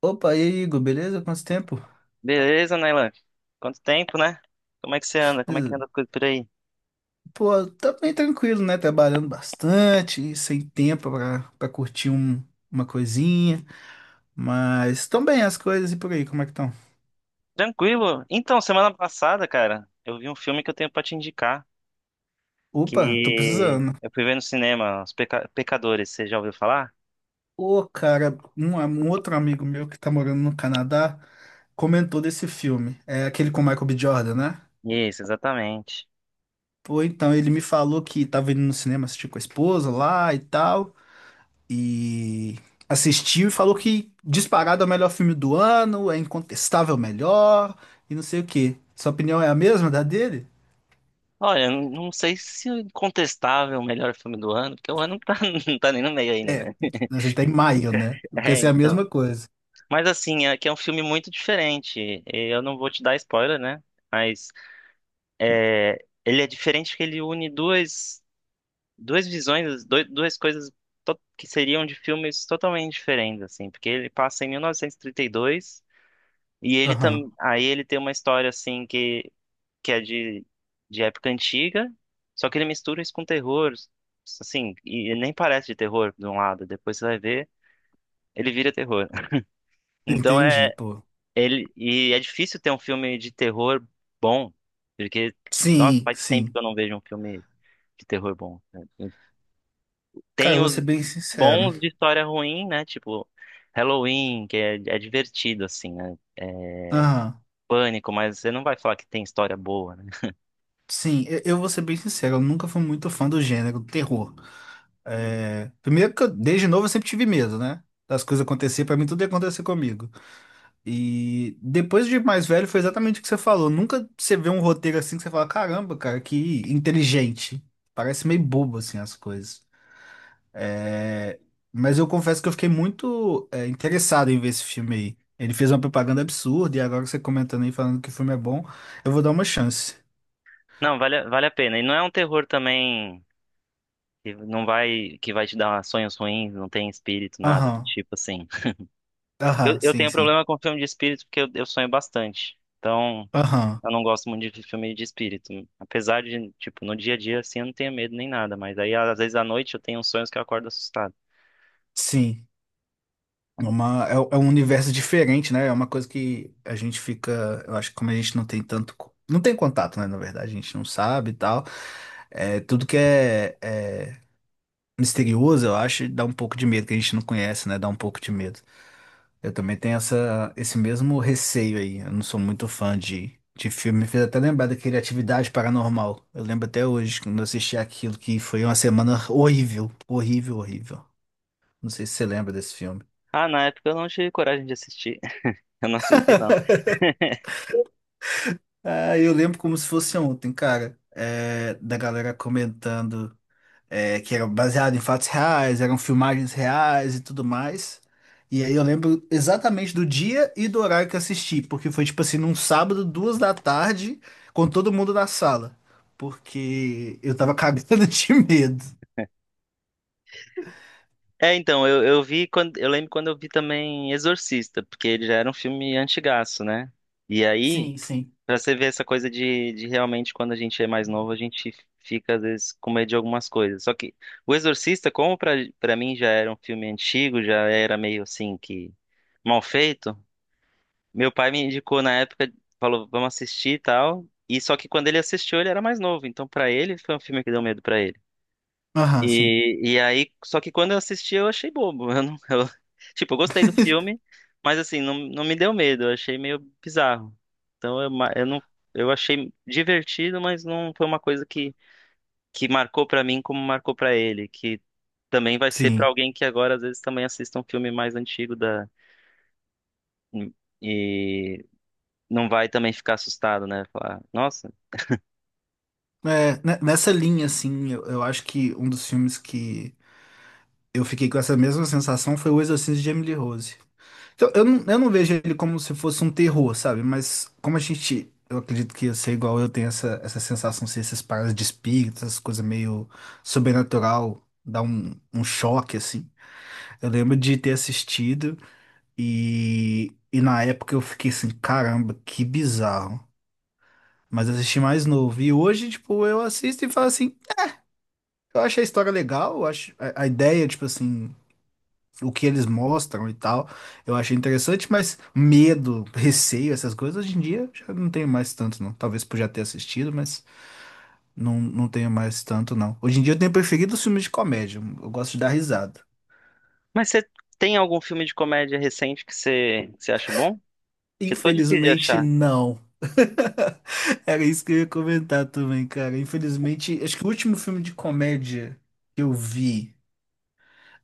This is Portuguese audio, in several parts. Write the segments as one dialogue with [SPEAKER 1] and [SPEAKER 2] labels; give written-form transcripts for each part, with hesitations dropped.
[SPEAKER 1] Opa, e aí, Igor, beleza? Quanto tempo?
[SPEAKER 2] Beleza, Nailan? Quanto tempo, né? Como é que você anda? Como é que anda a coisa por aí?
[SPEAKER 1] Pô, tá bem tranquilo, né? Trabalhando bastante, sem tempo pra curtir uma coisinha. Mas estão bem as coisas e por aí, como é que estão?
[SPEAKER 2] Tranquilo? Então, semana passada, cara, eu vi um filme que eu tenho pra te indicar,
[SPEAKER 1] Opa, tô
[SPEAKER 2] que
[SPEAKER 1] precisando.
[SPEAKER 2] eu fui ver no cinema, Os Pecadores, você já ouviu falar?
[SPEAKER 1] Ô, cara, um outro amigo meu que tá morando no Canadá comentou desse filme. É aquele com o Michael B. Jordan, né?
[SPEAKER 2] Isso, exatamente.
[SPEAKER 1] Pô, então, ele me falou que tava indo no cinema assistir com a esposa lá e tal. E assistiu e falou que disparado é o melhor filme do ano, é incontestável o melhor e não sei o quê. Sua opinião é a mesma da dele?
[SPEAKER 2] Olha, eu não sei se o incontestável é o melhor filme do ano, porque o ano não tá, não tá nem no meio ainda,
[SPEAKER 1] É,
[SPEAKER 2] né?
[SPEAKER 1] a gente tá em maio, né? Eu
[SPEAKER 2] É,
[SPEAKER 1] pensei a
[SPEAKER 2] então.
[SPEAKER 1] mesma coisa.
[SPEAKER 2] Mas assim, é que é um filme muito diferente. Eu não vou te dar spoiler, né? Mas ele é diferente porque ele une duas visões, duas coisas que seriam de filmes totalmente diferentes, assim, porque ele passa em 1932 e trinta e dois e ele
[SPEAKER 1] Aham,
[SPEAKER 2] também, aí ele tem uma história assim que é de época antiga, só que ele mistura isso com terror, assim, e nem parece de terror de um lado, depois você vai ver, ele vira terror. Então
[SPEAKER 1] entendi,
[SPEAKER 2] é
[SPEAKER 1] pô.
[SPEAKER 2] ele e é difícil ter um filme de terror bom, porque nossa,
[SPEAKER 1] Sim,
[SPEAKER 2] faz tempo que
[SPEAKER 1] sim.
[SPEAKER 2] eu não vejo um filme de terror bom, né?
[SPEAKER 1] Cara,
[SPEAKER 2] Tem
[SPEAKER 1] eu vou
[SPEAKER 2] os
[SPEAKER 1] ser bem sincero.
[SPEAKER 2] bons de história ruim, né? Tipo, Halloween, é divertido, assim, né? É
[SPEAKER 1] Aham.
[SPEAKER 2] pânico, mas você não vai falar que tem história boa, né?
[SPEAKER 1] Sim, eu vou ser bem sincero, eu nunca fui muito fã do gênero terror. É, primeiro que eu, desde novo eu sempre tive medo, né? Das coisas acontecer, pra mim tudo ia acontecer comigo. E depois de mais velho, foi exatamente o que você falou. Nunca você vê um roteiro assim que você fala, caramba, cara, que inteligente. Parece meio bobo, assim, as coisas. É, mas eu confesso que eu fiquei muito interessado em ver esse filme aí. Ele fez uma propaganda absurda e agora você comentando aí, falando que o filme é bom, eu vou dar uma chance.
[SPEAKER 2] Não, vale, vale a pena. E não é um terror também que não vai, que vai te dar sonhos ruins, não tem espírito, nada do
[SPEAKER 1] Aham,
[SPEAKER 2] tipo assim. Eu,
[SPEAKER 1] aham,
[SPEAKER 2] eu
[SPEAKER 1] sim,
[SPEAKER 2] tenho
[SPEAKER 1] sim.
[SPEAKER 2] problema com filme de espírito porque eu sonho bastante. Então,
[SPEAKER 1] Aham,
[SPEAKER 2] eu não gosto muito de filme de espírito. Apesar de, tipo, no dia a dia, assim, eu não tenho medo nem nada. Mas aí, às vezes, à noite, eu tenho uns sonhos que eu acordo assustado.
[SPEAKER 1] sim. É um universo diferente, né? É uma coisa que a gente fica. Eu acho que como a gente não tem tanto. Não tem contato, né? Na verdade, a gente não sabe e tal. É, tudo que é, é misterioso, eu acho, dá um pouco de medo, que a gente não conhece, né? Dá um pouco de medo. Eu também tenho essa, esse mesmo receio aí. Eu não sou muito fã de filme. Me fez até lembrar daquele Atividade Paranormal. Eu lembro até hoje, quando eu assisti aquilo, que foi uma semana horrível. Horrível, horrível. Não sei se você lembra desse filme.
[SPEAKER 2] Ah, na época eu não tive coragem de assistir. Eu não assisti, não.
[SPEAKER 1] Ah, eu lembro como se fosse ontem, cara, é, da galera comentando é, que era baseado em fatos reais, eram filmagens reais e tudo mais. E aí eu lembro exatamente do dia e do horário que eu assisti, porque foi tipo assim, num sábado, duas da tarde, com todo mundo na sala, porque eu tava cagando de medo.
[SPEAKER 2] É, então, eu vi quando. Eu lembro quando eu vi também Exorcista, porque ele já era um filme antigaço, né? E aí,
[SPEAKER 1] Sim, sim.
[SPEAKER 2] pra você ver essa coisa de realmente quando a gente é mais novo, a gente fica, às vezes, com medo de algumas coisas. Só que o Exorcista, como pra mim já era um filme antigo, já era meio assim que mal feito, meu pai me indicou na época, falou, vamos assistir e tal. E só que quando ele assistiu, ele era mais novo. Então, pra ele, foi um filme que deu medo pra ele.
[SPEAKER 1] Aham, sim.
[SPEAKER 2] E aí, só que quando eu assisti, eu achei bobo. Eu não- eu- tipo, eu gostei do filme, mas assim, não me deu medo, eu achei meio bizarro. Então eu achei divertido, mas não foi uma coisa que marcou pra mim como marcou pra ele, que também vai ser pra
[SPEAKER 1] Sim.
[SPEAKER 2] alguém que agora às vezes também assista um filme mais antigo da e não vai também ficar assustado, né? Falar, nossa.
[SPEAKER 1] É, ne- nessa linha, assim, eu acho que um dos filmes que eu fiquei com essa mesma sensação, foi o Exorcismo de Emily Rose. Então, eu não vejo ele como se fosse um terror, sabe? Mas como a gente, eu acredito que você, igual eu, tem essa sensação, se esses paradas de espírito, essas coisas meio sobrenatural, dá um choque, assim. Eu lembro de ter assistido e na época eu fiquei assim, caramba, que bizarro. Mas eu assisti mais novo. E hoje, tipo, eu assisto e falo assim, eu acho a história legal, eu acho a ideia, tipo assim o que eles mostram e tal, eu achei interessante, mas medo, receio, essas coisas, hoje em dia já não tenho mais tanto, não. Talvez por já ter assistido, mas não, não tenho mais tanto, não. Hoje em dia eu tenho preferido os filmes de comédia, eu gosto de dar risada.
[SPEAKER 2] Mas você tem algum filme de comédia recente que que você acha bom? Que eu tô difícil de
[SPEAKER 1] Infelizmente,
[SPEAKER 2] achar.
[SPEAKER 1] não. Era isso que eu ia comentar também, cara. Infelizmente, acho que o último filme de comédia que eu vi.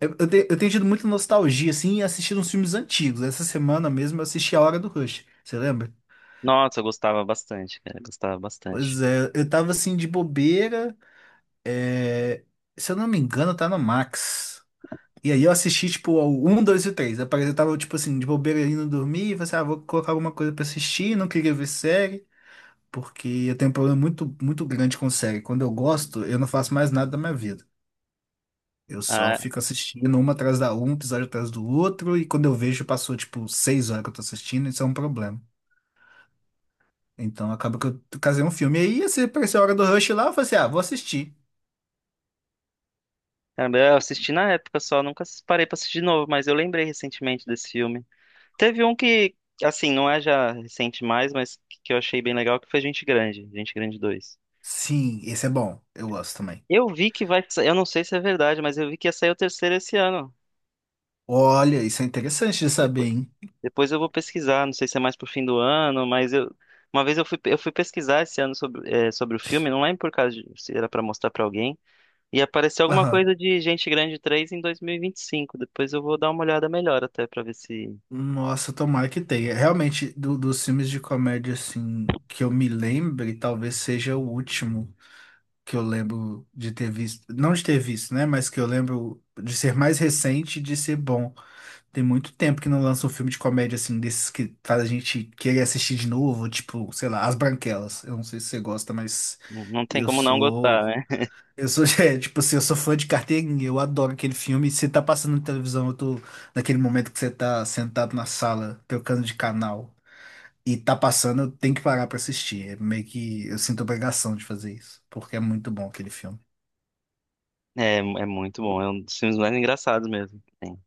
[SPEAKER 1] Eu tenho tido muita nostalgia, assim, e assistido uns filmes antigos. Essa semana mesmo eu assisti A Hora do Rush. Você lembra?
[SPEAKER 2] Nossa, eu gostava bastante, cara. Gostava bastante.
[SPEAKER 1] Pois é, eu tava assim de bobeira. É, se eu não me engano, tá no Max. E aí eu assisti, tipo, ao 1, 2 e 3. Eu parei- eu tava, tipo assim, de bobeira indo dormir. E falei assim, ah, vou colocar alguma coisa pra assistir. Não queria ver série, porque eu tenho um problema muito, muito grande com série. Quando eu gosto, eu não faço mais nada da minha vida. Eu só
[SPEAKER 2] Ah,
[SPEAKER 1] fico assistindo uma atrás da um, um episódio atrás do outro. E quando eu vejo, passou, tipo, seis horas que eu tô assistindo. Isso é um problema. Então acaba que eu casei um filme. E aí, assim, apareceu a hora do Rush lá. Eu falei assim, ah, vou assistir.
[SPEAKER 2] caramba, eu assisti na época só, nunca parei pra assistir de novo, mas eu lembrei recentemente desse filme. Teve um que, assim, não é já recente mais, mas que eu achei bem legal, que foi Gente Grande, Gente Grande dois.
[SPEAKER 1] Sim, esse é bom. Eu gosto também.
[SPEAKER 2] Eu vi que vai, eu não sei se é verdade, mas eu vi que ia sair o terceiro esse ano.
[SPEAKER 1] Olha, isso é interessante de saber,
[SPEAKER 2] Depois,
[SPEAKER 1] hein?
[SPEAKER 2] depois eu vou pesquisar, não sei se é mais pro fim do ano, mas eu, uma vez eu fui pesquisar esse ano sobre, sobre o filme, não lembro por causa de, se era pra mostrar pra alguém. E apareceu alguma
[SPEAKER 1] Aham.
[SPEAKER 2] coisa de Gente Grande três em 2025. Depois eu vou dar uma olhada melhor até pra ver se.
[SPEAKER 1] Nossa, tomara que tenha. Realmente, dos filmes de comédia, assim, que eu me lembre, talvez seja o último que eu lembro de ter visto. Não de ter visto, né? Mas que eu lembro de ser mais recente e de ser bom. Tem muito tempo que não lança um filme de comédia, assim, desses que faz a gente querer assistir de novo, tipo, sei lá, As Branquelas. Eu não sei se você gosta, mas
[SPEAKER 2] Não não tem
[SPEAKER 1] eu
[SPEAKER 2] como não gostar,
[SPEAKER 1] sou.
[SPEAKER 2] né?
[SPEAKER 1] Eu sou, é, tipo assim, eu sou fã de carteirinha, eu adoro aquele filme. Se tá passando na televisão, eu tô naquele momento que você tá sentado na sala, trocando de canal, e tá passando, eu tenho que parar pra assistir. É meio que eu sinto obrigação de fazer isso, porque é muito bom aquele filme.
[SPEAKER 2] É, é muito bom. É um dos filmes mais engraçados mesmo que tem.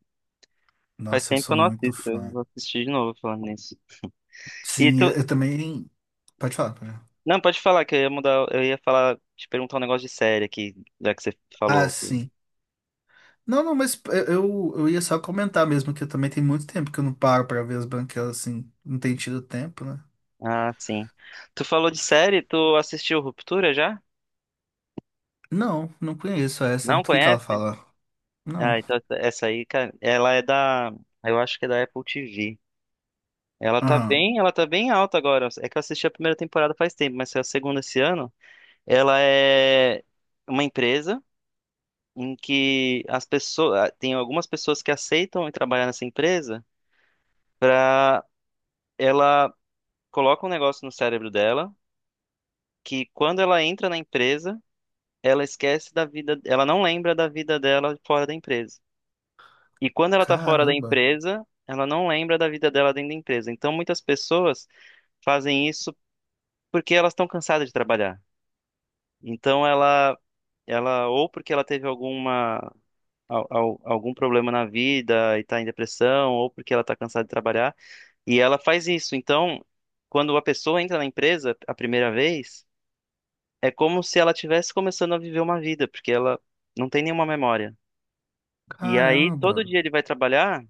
[SPEAKER 2] Faz
[SPEAKER 1] Nossa, eu
[SPEAKER 2] tempo que
[SPEAKER 1] sou
[SPEAKER 2] eu não
[SPEAKER 1] muito
[SPEAKER 2] assisto. Eu
[SPEAKER 1] fã.
[SPEAKER 2] vou assistir de novo falando nisso. E
[SPEAKER 1] Sim, eu,
[SPEAKER 2] tu.
[SPEAKER 1] eu também. Pode falar, pode falar.
[SPEAKER 2] Não, pode falar, que eu ia mudar. Eu ia falar, te perguntar um negócio de série aqui, já que você
[SPEAKER 1] Ah,
[SPEAKER 2] falou. Que-
[SPEAKER 1] sim. Não, não, mas eu ia só comentar mesmo que eu também tem muito tempo que eu não paro pra ver as branquelas assim. Não tem tido tempo, né?
[SPEAKER 2] Ah, sim. Tu falou de série, tu assistiu Ruptura já?
[SPEAKER 1] Não, não conheço essa.
[SPEAKER 2] Não
[SPEAKER 1] Do que ela
[SPEAKER 2] conhece?
[SPEAKER 1] fala? Não.
[SPEAKER 2] Ah, então essa aí, cara, ela é da. Eu acho que é da Apple TV. Ela tá
[SPEAKER 1] Aham.
[SPEAKER 2] ela tá bem alta agora. É que eu assisti a primeira temporada faz tempo, mas saiu a segunda esse ano. Ela é uma empresa em que as pessoas, tem algumas pessoas que aceitam ir trabalhar nessa empresa pra ela coloca um negócio no cérebro dela que quando ela entra na empresa, ela esquece da vida, ela não lembra da vida dela fora da empresa. E quando ela tá fora da
[SPEAKER 1] Caramba,
[SPEAKER 2] empresa, ela não lembra da vida dela dentro da empresa. Então muitas pessoas fazem isso porque elas estão cansadas de trabalhar. Então ela ou porque ela teve algum problema na vida e tá em depressão, ou porque ela tá cansada de trabalhar, e ela faz isso. Então, quando a pessoa entra na empresa a primeira vez, é como se ela estivesse começando a viver uma vida, porque ela não tem nenhuma memória. E aí
[SPEAKER 1] caramba.
[SPEAKER 2] todo dia ele vai trabalhar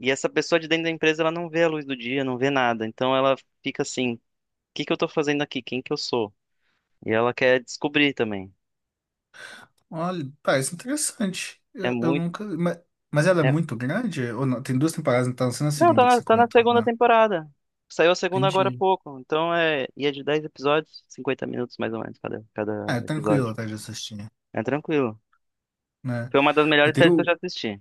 [SPEAKER 2] e essa pessoa de dentro da empresa ela não vê a luz do dia, não vê nada. Então ela fica assim, o que que eu tô fazendo aqui? Quem que eu sou? E ela quer descobrir também.
[SPEAKER 1] Olha, parece interessante.
[SPEAKER 2] É
[SPEAKER 1] Eu
[SPEAKER 2] muito
[SPEAKER 1] nunca. Mas ela é
[SPEAKER 2] é
[SPEAKER 1] muito grande? Ou não? Tem duas temporadas, então não sendo a
[SPEAKER 2] Não,
[SPEAKER 1] segunda que você
[SPEAKER 2] tá na
[SPEAKER 1] comentou,
[SPEAKER 2] segunda
[SPEAKER 1] né?
[SPEAKER 2] temporada. Saiu a segunda agora há
[SPEAKER 1] Entendi.
[SPEAKER 2] pouco. Então é. E é de 10 episódios, 50 minutos mais ou menos cada, cada
[SPEAKER 1] Ah, é tranquilo
[SPEAKER 2] episódio.
[SPEAKER 1] até de assistir,
[SPEAKER 2] É tranquilo.
[SPEAKER 1] né?
[SPEAKER 2] Foi uma das
[SPEAKER 1] Eu
[SPEAKER 2] melhores séries que eu
[SPEAKER 1] tenho.
[SPEAKER 2] já assisti.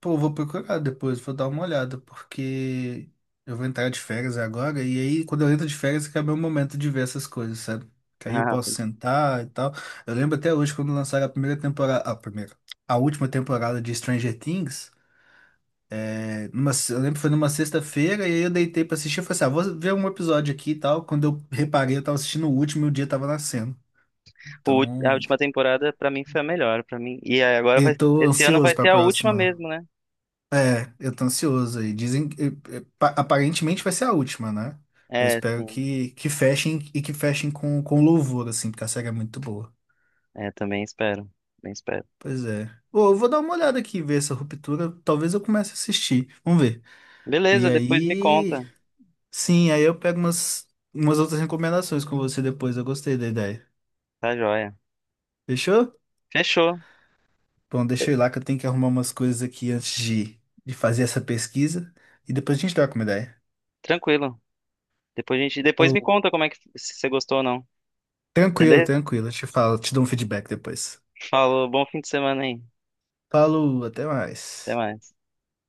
[SPEAKER 1] Pô, eu vou procurar depois, vou dar uma olhada, porque eu vou entrar de férias agora, e aí quando eu entro de férias, que é meu momento de ver essas coisas, sabe? Que aí eu posso sentar e tal. Eu lembro até hoje quando lançaram a primeira temporada. A primeira. A última temporada de Stranger Things. Numa, eu lembro que foi numa sexta-feira e aí eu deitei pra assistir. Eu falei assim, ah, vou ver um episódio aqui e tal. Quando eu reparei, eu tava assistindo o último e o dia tava nascendo.
[SPEAKER 2] Ah, a
[SPEAKER 1] Então,
[SPEAKER 2] última temporada pra mim foi a melhor, para mim. E aí agora vai,
[SPEAKER 1] eu tô
[SPEAKER 2] esse ano vai
[SPEAKER 1] ansioso pra
[SPEAKER 2] ter a última
[SPEAKER 1] próxima.
[SPEAKER 2] mesmo, né?
[SPEAKER 1] É, eu tô ansioso aí. Dizem que aparentemente vai ser a última, né? Eu
[SPEAKER 2] É,
[SPEAKER 1] espero
[SPEAKER 2] sim.
[SPEAKER 1] que fechem e que fechem com louvor, assim, porque a série é muito boa.
[SPEAKER 2] É, também espero. Também espero.
[SPEAKER 1] Pois é. Ô, eu vou dar uma olhada aqui, ver essa ruptura. Talvez eu comece a assistir. Vamos ver. E
[SPEAKER 2] Beleza, depois me
[SPEAKER 1] aí,
[SPEAKER 2] conta.
[SPEAKER 1] sim, aí eu pego umas outras recomendações com você depois. Eu gostei da ideia.
[SPEAKER 2] Tá joia.
[SPEAKER 1] Fechou?
[SPEAKER 2] Fechou.
[SPEAKER 1] Bom, deixa eu ir lá que eu tenho que arrumar umas coisas aqui antes de fazer essa pesquisa. E depois a gente troca uma ideia.
[SPEAKER 2] Tranquilo. Depois me
[SPEAKER 1] Falou.
[SPEAKER 2] conta como é que se você gostou ou não.
[SPEAKER 1] Tranquilo,
[SPEAKER 2] Beleza?
[SPEAKER 1] tranquilo. Eu te falo, te dou um feedback depois.
[SPEAKER 2] Falou, bom fim de semana aí.
[SPEAKER 1] Falou, até
[SPEAKER 2] Até
[SPEAKER 1] mais.
[SPEAKER 2] mais.